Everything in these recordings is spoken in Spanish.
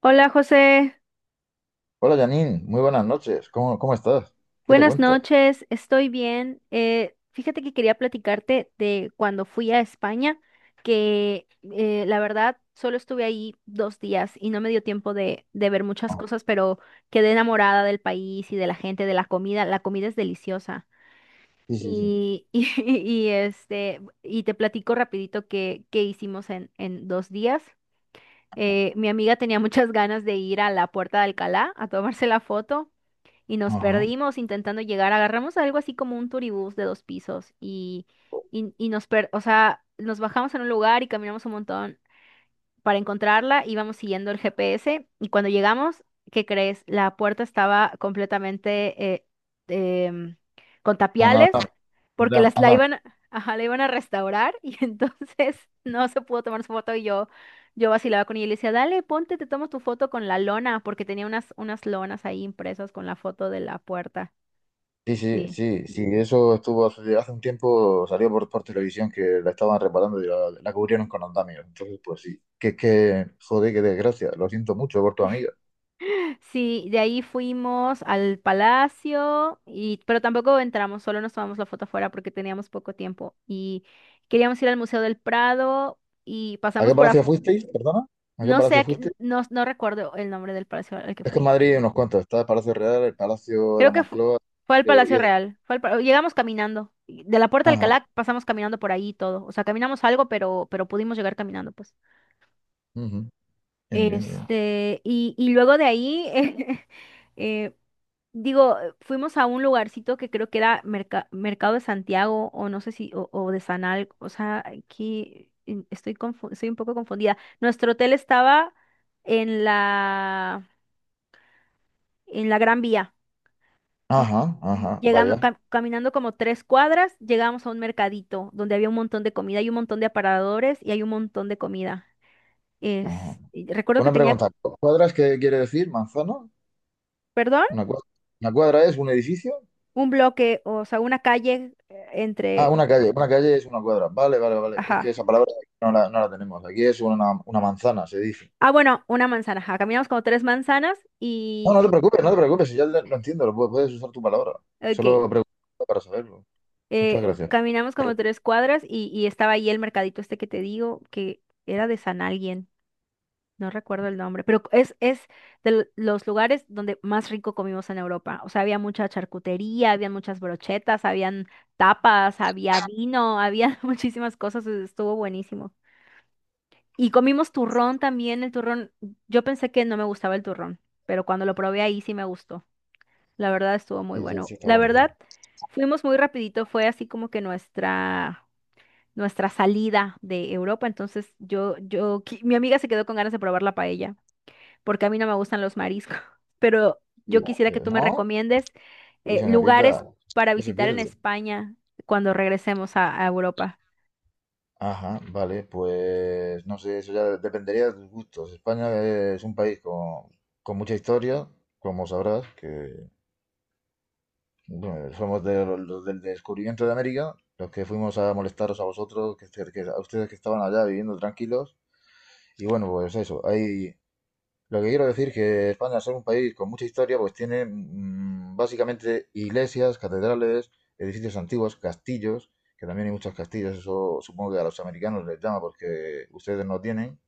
Hola José, Hola Janine, muy buenas noches. ¿Cómo estás? ¿Qué te buenas cuentas? noches, estoy bien. Fíjate que quería platicarte de cuando fui a España, que la verdad solo estuve ahí dos días y no me dio tiempo de ver muchas Ah, cosas, pero quedé enamorada del país y de la gente, de la comida. La comida es deliciosa. sí, sí, sí. Y te platico rapidito qué hicimos en dos días. Mi amiga tenía muchas ganas de ir a la Puerta de Alcalá a tomarse la foto. Y nos Ajá. perdimos intentando llegar. Agarramos algo así como un turibús de dos pisos y, o sea, nos bajamos en un lugar y caminamos un montón para encontrarla, íbamos siguiendo el GPS y cuando llegamos, ¿qué crees? La puerta estaba completamente em, con No, no, tapiales porque la anda. iban, ajá, la iban a restaurar y entonces no se pudo tomar su foto yo vacilaba con ella y le decía, dale, ponte, te tomo tu foto con la lona porque tenía unas lonas ahí impresas con la foto de la puerta. Sí, sí, Sí. sí, sí. Eso estuvo hace un tiempo, salió por televisión que la estaban reparando y la cubrieron con andamios. Entonces, pues sí. Que es que, joder, qué desgracia. Lo siento mucho por tu amiga. Sí, de ahí fuimos al palacio y pero tampoco entramos, solo nos tomamos la foto afuera porque teníamos poco tiempo y queríamos ir al Museo del Prado y ¿A pasamos qué por palacio fuisteis? ¿Perdona? ¿A qué no sé, palacio fuisteis? no, no recuerdo el nombre del palacio al que Es que en fui. Madrid hay unos cuantos. Está el Palacio Real, el Palacio de la Creo que fu- Moncloa Fue al y otro. y Palacio otro. Real. Fue al llegamos caminando y de la Puerta de Ajá. Alcalá, pasamos caminando por ahí y todo. O sea, caminamos algo, pero pudimos llegar caminando, pues. Ujú. Bien, bien, bien. Y luego de ahí eh, fuimos a un lugarcito que creo que era Mercado de Santiago o no sé si, o de Sanal, o sea, aquí estoy un poco confundida. Nuestro hotel estaba en la, en la Gran Vía y Ajá, ajá. llegando, Vaya. Caminando como tres cuadras, llegamos a un mercadito donde había un montón de comida, hay un montón de aparadores y hay un montón de comida. Ajá. Y recuerdo que Una tenía, pregunta. ¿Cuadras qué quiere decir? ¿Manzana? perdón, Una cuadra. ¿Una cuadra es un edificio? un bloque, o sea, una calle eh, Ah, entre, una calle. Una calle es una cuadra. Vale, vale, vale. Es Ajá. que esa palabra no la tenemos. Aquí es una manzana, se dice. Ah, bueno, una manzana. Ajá, caminamos como tres manzanas No, no te preocupes, no te preocupes. Si ya lo entiendo, lo puedes usar tu palabra. Ok, Solo pregunto para saberlo. Muchas gracias. caminamos como tres cuadras y estaba ahí el mercadito este que te digo, que era de San Alguien, no recuerdo el nombre, pero es de los lugares donde más rico comimos en Europa. O sea, había mucha charcutería, había muchas brochetas, habían tapas, había vino, había muchísimas cosas, estuvo buenísimo. Y comimos turrón también, el turrón, yo pensé que no me gustaba el turrón, pero cuando lo probé ahí sí me gustó. La verdad estuvo muy Sí, sí, bueno. sí, está La bueno, sí. verdad, fuimos muy rapidito, fue así como que nuestra salida de Europa, entonces mi amiga se quedó con ganas de probar la paella, porque a mí no me gustan los mariscos, pero Sí. yo quisiera que tú me ¿No? recomiendes Uy, lugares señorita, para ¿qué se visitar en pierde? España cuando regresemos a Europa. Ajá, vale, pues no sé, eso ya dependería de tus gustos. España es un país con mucha historia, como sabrás, que bueno, somos de los del descubrimiento de América, los que fuimos a molestaros a vosotros, a ustedes que estaban allá viviendo tranquilos. Y bueno, pues eso, lo que quiero decir que España, al ser un país con mucha historia, pues tiene básicamente iglesias, catedrales, edificios antiguos, castillos, que también hay muchos castillos, eso supongo que a los americanos les llama porque ustedes no tienen,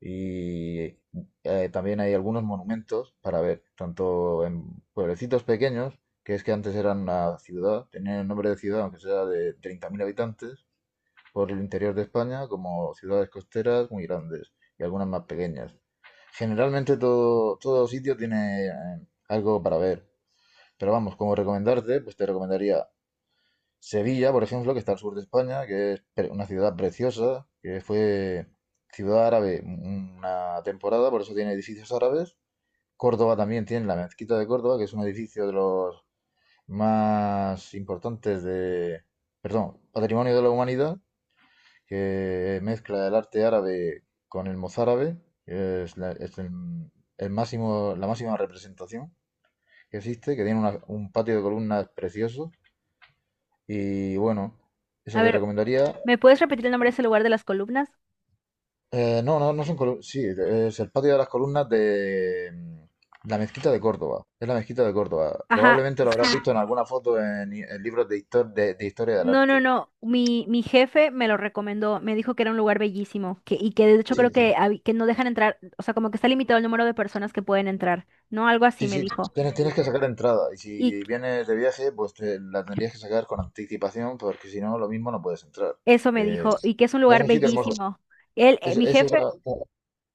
y también hay algunos monumentos para ver, tanto en pueblecitos pequeños, que es que antes eran una ciudad, tenían el nombre de ciudad, aunque sea de 30.000 habitantes, por el interior de España, como ciudades costeras muy grandes y algunas más pequeñas. Generalmente todo sitio tiene algo para ver. Pero vamos, como recomendarte, pues te recomendaría Sevilla, por ejemplo, que está al sur de España, que es una ciudad preciosa, que fue ciudad árabe una temporada, por eso tiene edificios árabes. Córdoba también tiene la mezquita de Córdoba, que es un edificio de los más importantes de, perdón, Patrimonio de la Humanidad, que mezcla el arte árabe con el mozárabe, que es, es el máximo, la máxima representación que existe, que tiene un patio de columnas precioso. Y bueno, A eso te ver, recomendaría. ¿me puedes repetir el nombre de ese lugar de las columnas? No, no, no son columnas. Sí, es el patio de las columnas de la mezquita de Córdoba. Es la mezquita de Córdoba. Ajá, Probablemente lo habrás sí. visto en alguna foto en libros de historia del No, no, arte. no. Mi jefe me lo recomendó. Me dijo que era un lugar bellísimo. Que, y que de hecho creo Sí, sí. que, que no dejan entrar. O sea, como que está limitado el número de personas que pueden entrar. No, algo así Sí, me sí, dijo. tienes que sacar entrada y Y si vienes de viaje, pues la tendrías que sacar con anticipación porque si no, lo mismo no puedes entrar. eso me Eh, dijo. Y que es un es lugar un sitio hermoso. bellísimo. Es, Mi es jefe, otra-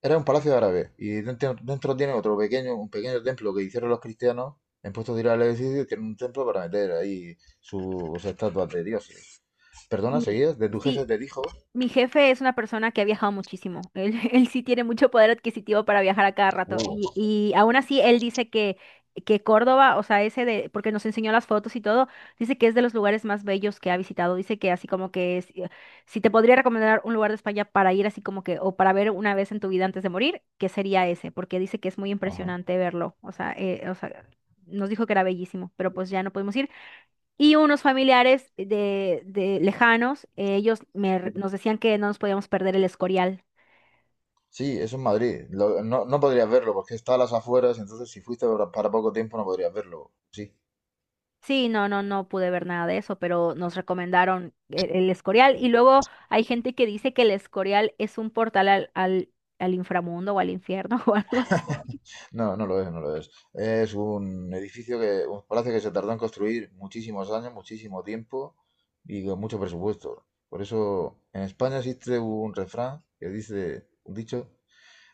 Era un palacio árabe y dentro tiene otro pequeño, un pequeño templo que hicieron los cristianos en puestos de ir al edificio, tienen un templo para meter ahí sus estatuas de dioses. Perdona, mi, ¿seguías? De tu jefe sí, te dijo. mi jefe es una persona que ha viajado muchísimo. Él, él sí tiene mucho poder adquisitivo para viajar a cada rato. Uh, Y aún así, él dice que Córdoba, o sea, ese de, porque nos enseñó las fotos y todo, dice que es de los lugares más bellos que ha visitado. Dice que así como que si te podría recomendar un lugar de España para ir así como que, o para ver una vez en tu vida antes de morir, que sería ese, porque dice que es muy ajá. impresionante verlo. Nos dijo que era bellísimo, pero pues ya no pudimos ir. Y unos familiares de lejanos, nos decían que no nos podíamos perder el Escorial. Sí, eso es Madrid. No, podrías verlo porque está a las afueras, entonces si fuiste para poco tiempo no podrías verlo. Sí. Sí, no, no, no pude ver nada de eso, pero nos recomendaron Escorial. Y luego hay gente que dice que el Escorial es un portal al inframundo o al infierno o algo así. No, no lo es, no lo es. Es un edificio un palacio que se tardó en construir muchísimos años, muchísimo tiempo y con mucho presupuesto. Por eso en España existe un refrán que dice, un dicho,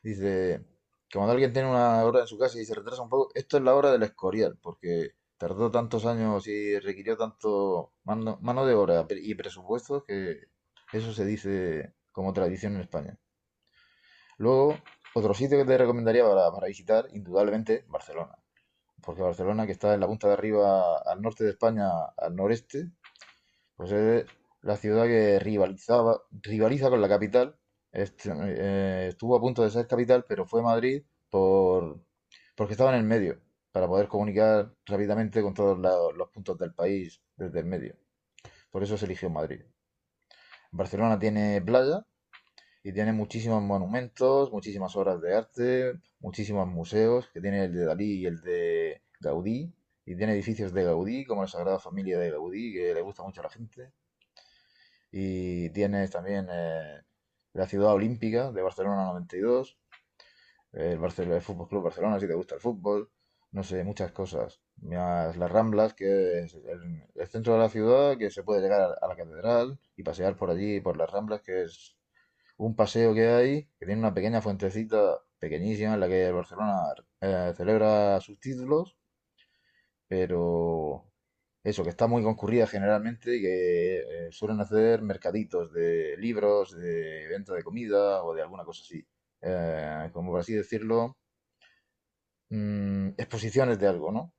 dice que cuando alguien tiene una obra en su casa y se retrasa un poco, esto es la obra del Escorial, porque tardó tantos años y requirió tanto mano de obra y presupuesto que eso se dice como tradición en España. Luego, otro sitio que te recomendaría para visitar, indudablemente, Barcelona. Porque Barcelona, que está en la punta de arriba al norte de España, al noreste, pues es la ciudad que rivalizaba, rivaliza con la capital. Estuvo a punto de ser capital, pero fue Madrid por, porque estaba en el medio, para poder comunicar rápidamente con todos los puntos del país desde el medio. Por eso se eligió Madrid. Barcelona tiene playa, y tiene muchísimos monumentos, muchísimas obras de arte, muchísimos museos, que tiene el de Dalí y el de Gaudí, y tiene edificios de Gaudí, como la Sagrada Familia de Gaudí, que le gusta mucho a la gente, y tiene también la Ciudad Olímpica de Barcelona 92, Barcelona, el Fútbol Club Barcelona, si te gusta el fútbol, no sé, muchas cosas. Más las Ramblas, que es el centro de la ciudad, que se puede llegar a la catedral y pasear por allí, por las Ramblas, que es un paseo que hay, que tiene una pequeña fuentecita pequeñísima en la que el Barcelona celebra sus títulos, pero eso, que está muy concurrida generalmente y que suelen hacer mercaditos de libros, de venta de comida o de alguna cosa así. Como por así decirlo, exposiciones de algo, ¿no?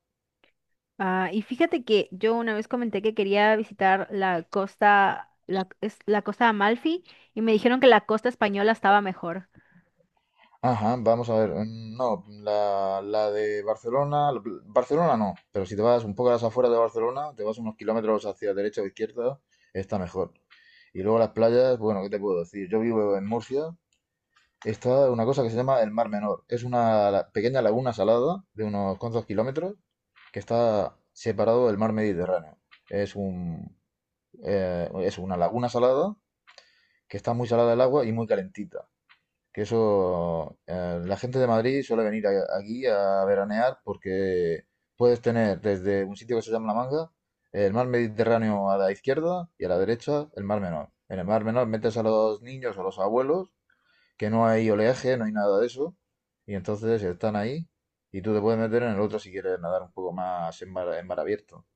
Ah, y fíjate que yo una vez comenté que quería visitar la costa, es la costa de Amalfi, y me dijeron que la costa española estaba mejor. Ajá, vamos a ver. No, la de Barcelona, Barcelona no, pero si te vas un poco a las afueras de Barcelona, te vas unos kilómetros hacia derecha o izquierda, está mejor. Y luego las playas, bueno, ¿qué te puedo decir? Yo vivo en Murcia, está una cosa que se llama el Mar Menor. Es una pequeña laguna salada de unos cuantos kilómetros que está separado del mar Mediterráneo. Es un, es una laguna salada que está muy salada el agua y muy calentita. Que eso, la gente de Madrid suele venir aquí a veranear porque puedes tener desde un sitio que se llama La Manga, el mar Mediterráneo a la izquierda y a la derecha el mar Menor. En el mar Menor metes a los niños o a los abuelos, que no hay oleaje, no hay nada de eso, y entonces están ahí y tú te puedes meter en el otro si quieres nadar un poco más en mar abierto.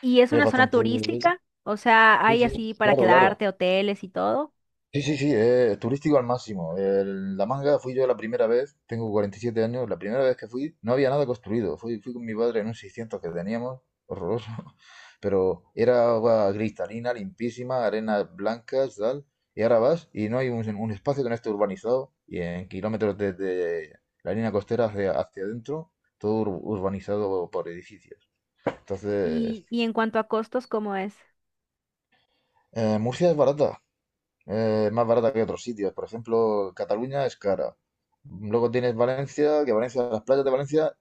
Y es Es una zona bastante. turística, o sea, Sí, hay sí, así para claro, claro. quedarte, hoteles y todo. Sí, sí, sí, turístico al máximo. La manga fui yo la primera vez, tengo 47 años, la primera vez que fui no había nada construido. Fui con mi padre en un 600 que teníamos, horroroso, pero era agua cristalina, limpísima, arenas blancas, tal. Y ahora vas y no hay un espacio que no esté urbanizado y en kilómetros desde la línea costera hacia adentro, todo urbanizado por edificios. Entonces, Y en cuanto a costos, ¿cómo es? Murcia es barata, más barata que otros sitios. Por ejemplo, Cataluña es cara. Luego tienes Valencia, que Valencia, las playas de Valencia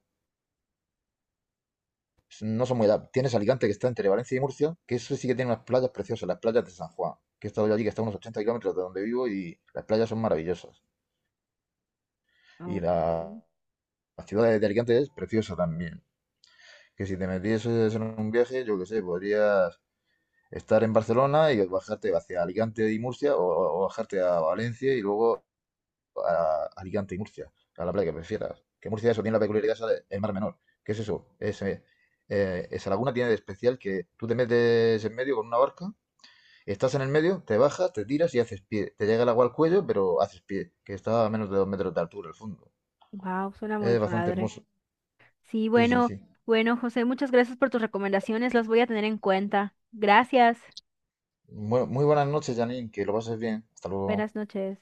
no son muy da. Tienes Alicante, que está entre Valencia y Murcia, que eso sí que tiene unas playas preciosas, las playas de San Juan, que he estado yo allí, que está a unos 80 kilómetros de donde vivo y las playas son maravillosas. Y Ok. la ciudad de Alicante es preciosa también. Que si te metieses en un viaje, yo qué sé, podrías estar en Barcelona y bajarte hacia Alicante y Murcia o bajarte a Valencia y luego a Alicante y Murcia, a la playa que prefieras. Que Murcia eso tiene la peculiaridad esa el mar menor. ¿Qué es eso? Esa laguna tiene de especial que tú te metes en medio con una barca, estás en el medio, te bajas, te tiras y haces pie. Te llega el agua al cuello, pero haces pie, que está a menos de 2 metros de altura el fondo. Wow, suena muy Es bastante padre. hermoso. Sí, Sí, sí, bueno, sí. bueno, José, muchas gracias por tus recomendaciones, las voy a tener en cuenta. Gracias. Muy, muy buenas noches, Janine, que lo pases bien. Hasta luego. Buenas noches.